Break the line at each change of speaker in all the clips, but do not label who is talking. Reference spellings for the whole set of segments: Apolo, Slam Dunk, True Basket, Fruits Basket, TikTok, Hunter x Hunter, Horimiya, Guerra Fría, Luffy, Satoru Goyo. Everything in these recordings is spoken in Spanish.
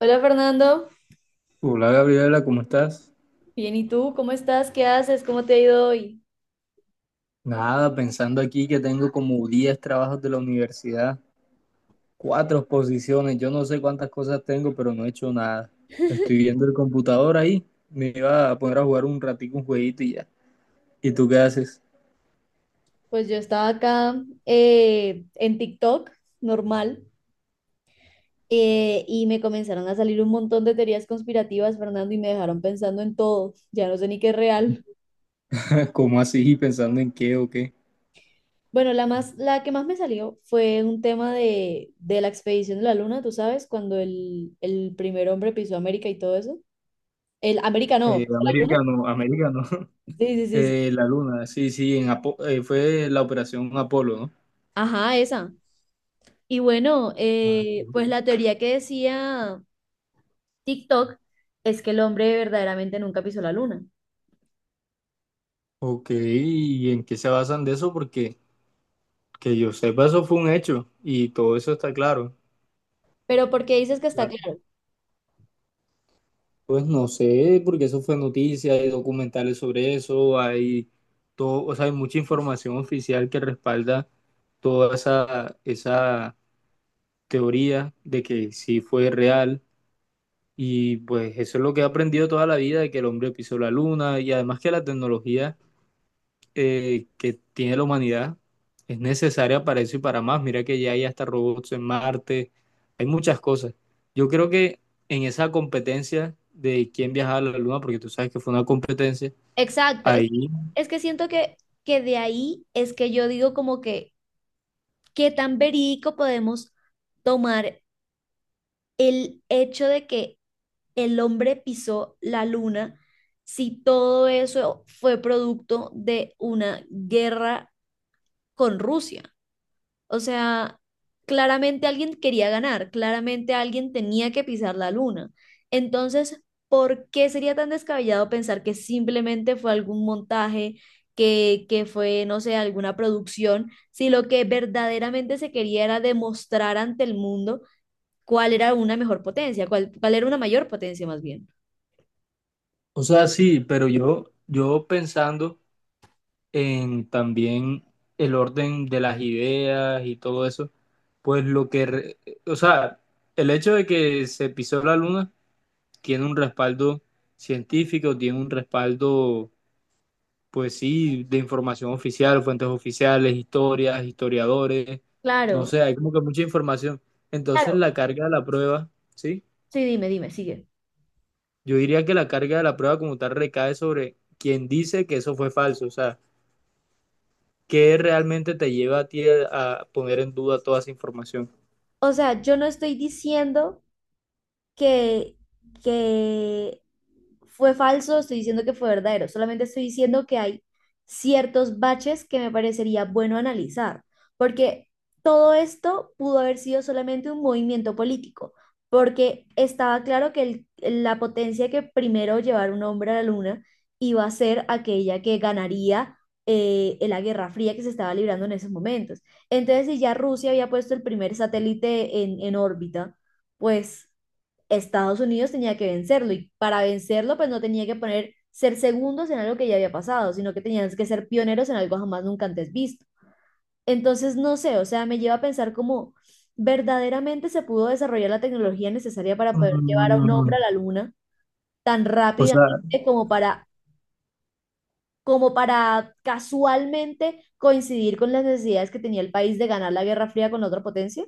Hola, Fernando.
Hola Gabriela, ¿cómo estás?
Bien, ¿y tú? ¿Cómo estás? ¿Qué haces? ¿Cómo te ha ido hoy?
Nada, pensando aquí que tengo como 10 trabajos de la universidad, cuatro exposiciones, yo no sé cuántas cosas tengo, pero no he hecho nada. Estoy viendo el computador ahí, me iba a poner a jugar un ratico un jueguito y ya. ¿Y tú qué haces?
Pues yo estaba acá, en TikTok, normal. Y me comenzaron a salir un montón de teorías conspirativas, Fernando, y me dejaron pensando en todo, ya no sé ni qué es real.
¿Cómo así? ¿Pensando en qué o qué?
Bueno, la más, la que más me salió fue un tema de la expedición de la Luna, tú sabes, cuando el primer hombre pisó América y todo eso. El América no, ¿pisó la Luna?
Americano, no,
Sí, sí, sí, sí.
La luna, sí, sí, en fue la operación Apolo, ¿no?
Ajá, esa. Y bueno,
Ah.
pues la teoría que decía TikTok es que el hombre verdaderamente nunca pisó la luna.
Ok, ¿y en qué se basan de eso? Porque que yo sepa, eso fue un hecho y todo eso está claro.
Pero porque dices que está claro.
Pues no sé, porque eso fue noticia, hay documentales sobre eso, hay todo, o sea, hay mucha información oficial que respalda toda esa teoría de que sí fue real. Y pues eso es lo que he aprendido toda la vida, de que el hombre pisó la luna y además que la tecnología que tiene la humanidad es necesaria para eso y para más. Mira que ya hay hasta robots en Marte, hay muchas cosas. Yo creo que en esa competencia de quién viajaba a la Luna, porque tú sabes que fue una competencia,
Exacto,
ahí,
es que siento que de ahí es que yo digo como que qué tan verídico podemos tomar el hecho de que el hombre pisó la luna si todo eso fue producto de una guerra con Rusia. O sea, claramente alguien quería ganar, claramente alguien tenía que pisar la luna. Entonces, ¿por qué sería tan descabellado pensar que simplemente fue algún montaje, que fue, no sé, alguna producción, si lo que verdaderamente se quería era demostrar ante el mundo cuál era una mejor potencia, cuál, cuál era una mayor potencia más bien?
o sea, sí, pero yo pensando en también el orden de las ideas y todo eso, pues o sea, el hecho de que se pisó la Luna tiene un respaldo científico, tiene un respaldo pues sí, de información oficial, fuentes oficiales, historias, historiadores, no
Claro,
sé, hay como que mucha información. Entonces
claro.
la carga de la prueba, ¿sí?
Sí, dime, dime, sigue.
Yo diría que la carga de la prueba como tal recae sobre quien dice que eso fue falso, o sea, ¿qué realmente te lleva a ti a poner en duda toda esa información?
O sea, yo no estoy diciendo que, que fue falso, estoy diciendo que fue verdadero, solamente estoy diciendo que hay ciertos baches que me parecería bueno analizar, porque todo esto pudo haber sido solamente un movimiento político, porque estaba claro que el- la potencia que primero llevar un hombre a la luna iba a ser aquella que ganaría, en la Guerra Fría que se estaba librando en esos momentos. Entonces, si ya Rusia había puesto el primer satélite en órbita, pues Estados Unidos tenía que vencerlo y para vencerlo pues no tenía que poner ser segundos en algo que ya había pasado, sino que tenían que ser pioneros en algo jamás nunca antes visto. Entonces, no sé, o sea, me lleva a pensar cómo verdaderamente se pudo desarrollar la tecnología necesaria para poder llevar a un hombre
Mm,
a la luna tan
O
rápidamente
sea,
como para, como para casualmente coincidir con las necesidades que tenía el país de ganar la Guerra Fría con la otra potencia.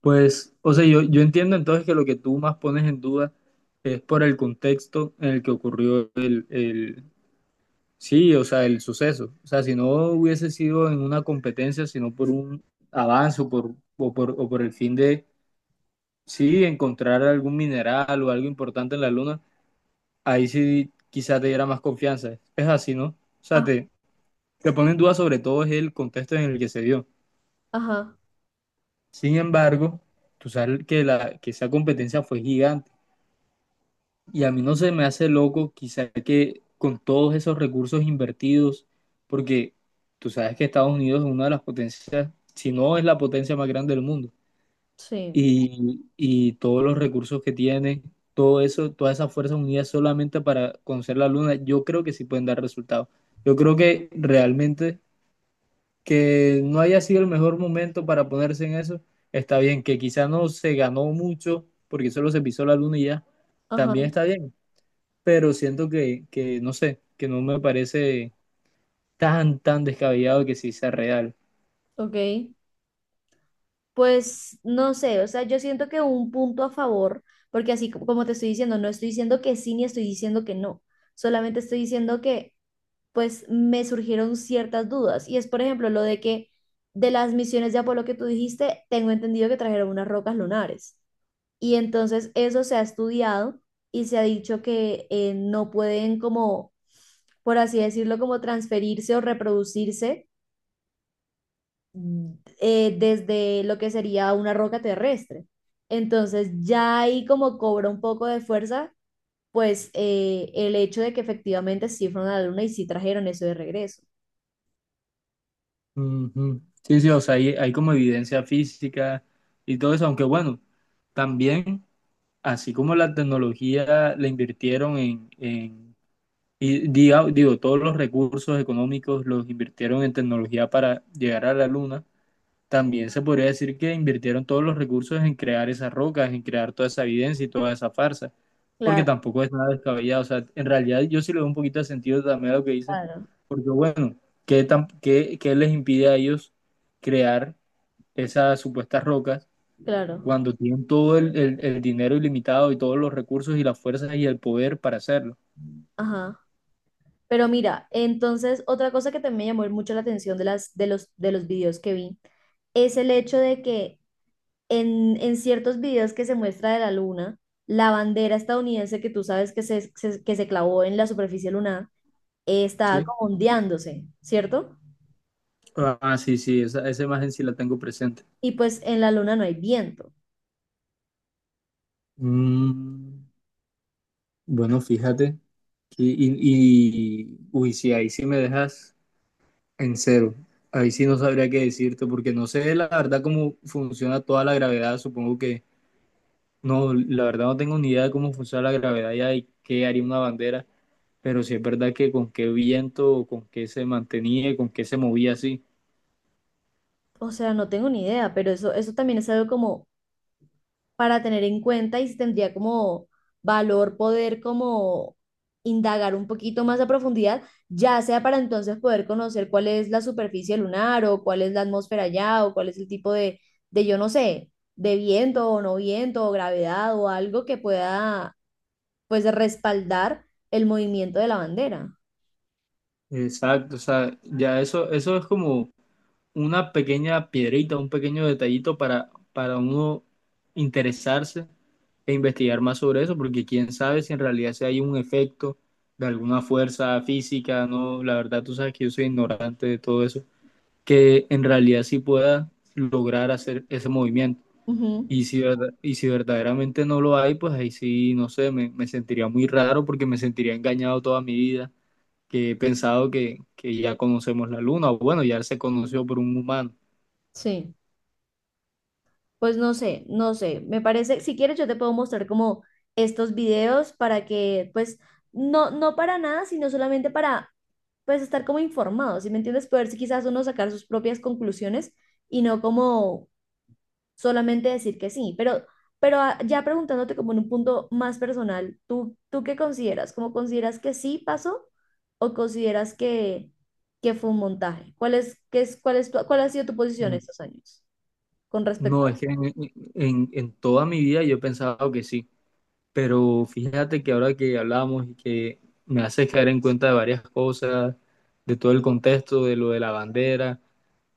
pues, o sea, yo entiendo entonces que lo que tú más pones en duda es por el contexto en el que ocurrió. Sí, o sea, el suceso. O sea, si no hubiese sido en una competencia, sino por un avance o por el fin de, sí, encontrar algún mineral o algo importante en la luna, ahí sí quizás te diera más confianza. Es así, ¿no? O sea,
Ah,
te pone en duda sobre todo es el contexto en el que se dio.
ajá,
Sin embargo, tú sabes que esa competencia fue gigante. Y a mí no se me hace loco, quizá que con todos esos recursos invertidos, porque tú sabes que Estados Unidos es una de las potencias, si no es la potencia más grande del mundo,
sí,
y todos los recursos que tiene, todo eso, todas esas fuerzas unidas solamente para conocer la luna, yo creo que sí pueden dar resultados. Yo creo que realmente que no haya sido el mejor momento para ponerse en eso, está bien, que quizá no se ganó mucho porque solo se pisó la luna y ya,
ajá,
también está bien pero siento que, no sé, que no me parece tan, tan descabellado que sí sea real.
ok. Pues no sé, o sea, yo siento que un punto a favor, porque así co- como te estoy diciendo, no estoy diciendo que sí ni estoy diciendo que no, solamente estoy diciendo que pues me surgieron ciertas dudas y es por ejemplo lo de que de las misiones de Apolo que tú dijiste, tengo entendido que trajeron unas rocas lunares y entonces eso se ha estudiado y se ha dicho que no pueden como, por así decirlo, como transferirse o reproducirse desde lo que sería una roca terrestre. Entonces ya ahí como cobra un poco de fuerza, pues el hecho de que efectivamente sí fueron a la luna y sí trajeron eso de regreso.
Ujú. Sí, sí, o sea, hay como evidencia física y todo eso, aunque bueno, también, así como la tecnología la invirtieron en y digo, todos los recursos económicos los invirtieron en tecnología para llegar a la luna, también se podría decir que invirtieron todos los recursos en crear esas rocas, en crear toda esa evidencia y toda esa farsa, porque
Claro,
tampoco es nada descabellado. O sea, en realidad yo sí le doy un poquito de sentido también a lo que dice,
claro,
porque bueno, ¿Qué les impide a ellos crear esas supuestas rocas
claro.
cuando tienen todo el dinero ilimitado y todos los recursos y las fuerzas y el poder para hacerlo?
Ajá. Pero mira, entonces otra cosa que también me llamó mucho la atención de las, de los videos que vi es el hecho de que en ciertos videos que se muestra de la luna, la bandera estadounidense que tú sabes que se- que se clavó en la superficie lunar, está
¿Sí?
como ondeándose, ¿cierto?
Ah, sí, sí, esa imagen sí la tengo presente.
Y pues en la luna no hay viento.
Mm. Bueno, fíjate. Y uy, sí, ahí sí me dejas en cero. Ahí sí no sabría qué decirte, porque no sé la verdad cómo funciona toda la gravedad. Supongo que no, la verdad no tengo ni idea de cómo funciona la gravedad ya y qué haría una bandera, pero sí es verdad que con qué viento, o con qué se mantenía, y con qué se movía así.
O sea, no tengo ni idea, pero eso también es algo como para tener en cuenta y si tendría como valor poder como indagar un poquito más a profundidad, ya sea para entonces poder conocer cuál es la superficie lunar o cuál es la atmósfera allá o cuál es el tipo de yo no sé, de viento o no viento o gravedad o algo que pueda pues respaldar el movimiento de la bandera.
Exacto, o sea, ya eso es como una pequeña piedrita, un pequeño detallito para uno interesarse e investigar más sobre eso, porque quién sabe si en realidad si hay un efecto de alguna fuerza física, no, la verdad tú sabes que yo soy ignorante de todo eso, que en realidad sí pueda lograr hacer ese movimiento.
Ujú,
Y si verdaderamente no lo hay, pues ahí sí, no sé, me sentiría muy raro porque me sentiría engañado toda mi vida, que he pensado que ya conocemos la luna, o bueno, ya se conoció por un humano.
sí. Pues no sé, no sé. Me parece, si quieres, yo te puedo mostrar como estos videos para que, pues, no, no para nada, sino solamente para, pues, estar como informados, ¿sí me entiendes? Poder si quizás uno sacar sus propias conclusiones y no como solamente decir que sí. Pero ah, ya preguntándote como en un punto más personal, ¿tú, tú qué consideras? ¿Cómo consideras que sí pasó o consideras que fue un montaje? ¿Cuál es, qué es, cuál es tu- cuál ha sido tu posición
No,
estos años con respecto
no, es
a...
que en toda mi vida yo he pensado que sí, pero fíjate que ahora que hablamos y que me haces caer en cuenta de varias cosas, de todo el contexto, de lo de la bandera,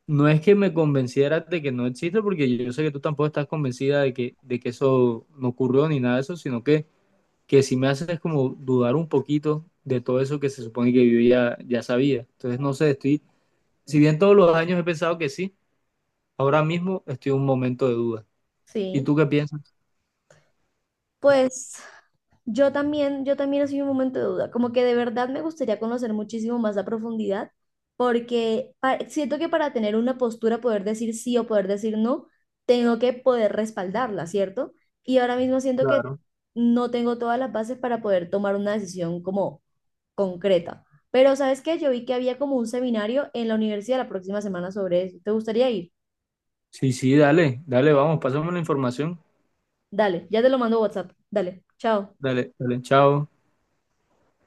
no es que me convencieras de que no existe, porque yo sé que tú tampoco estás convencida de que eso no ocurrió ni nada de eso, sino que sí me haces como dudar un poquito de todo eso que se supone que yo ya sabía. Entonces, no sé, estoy, si bien todos los años he pensado que sí, ahora mismo estoy en un momento de duda. ¿Y
Sí.
tú qué piensas?
Pues yo también soy un momento de duda, como que de verdad me gustaría conocer muchísimo más a profundidad, porque pa- siento que para tener una postura, poder decir sí o poder decir no, tengo que poder respaldarla, ¿cierto? Y ahora mismo siento que
Claro.
no tengo todas las bases para poder tomar una decisión como concreta. Pero ¿sabes qué? Yo vi que había como un seminario en la universidad la próxima semana sobre eso. ¿Te gustaría ir?
Sí, sí, dale, dale, vamos, pásame la información.
Dale, ya te lo mando a WhatsApp. Dale, chao.
Dale, dale, chao.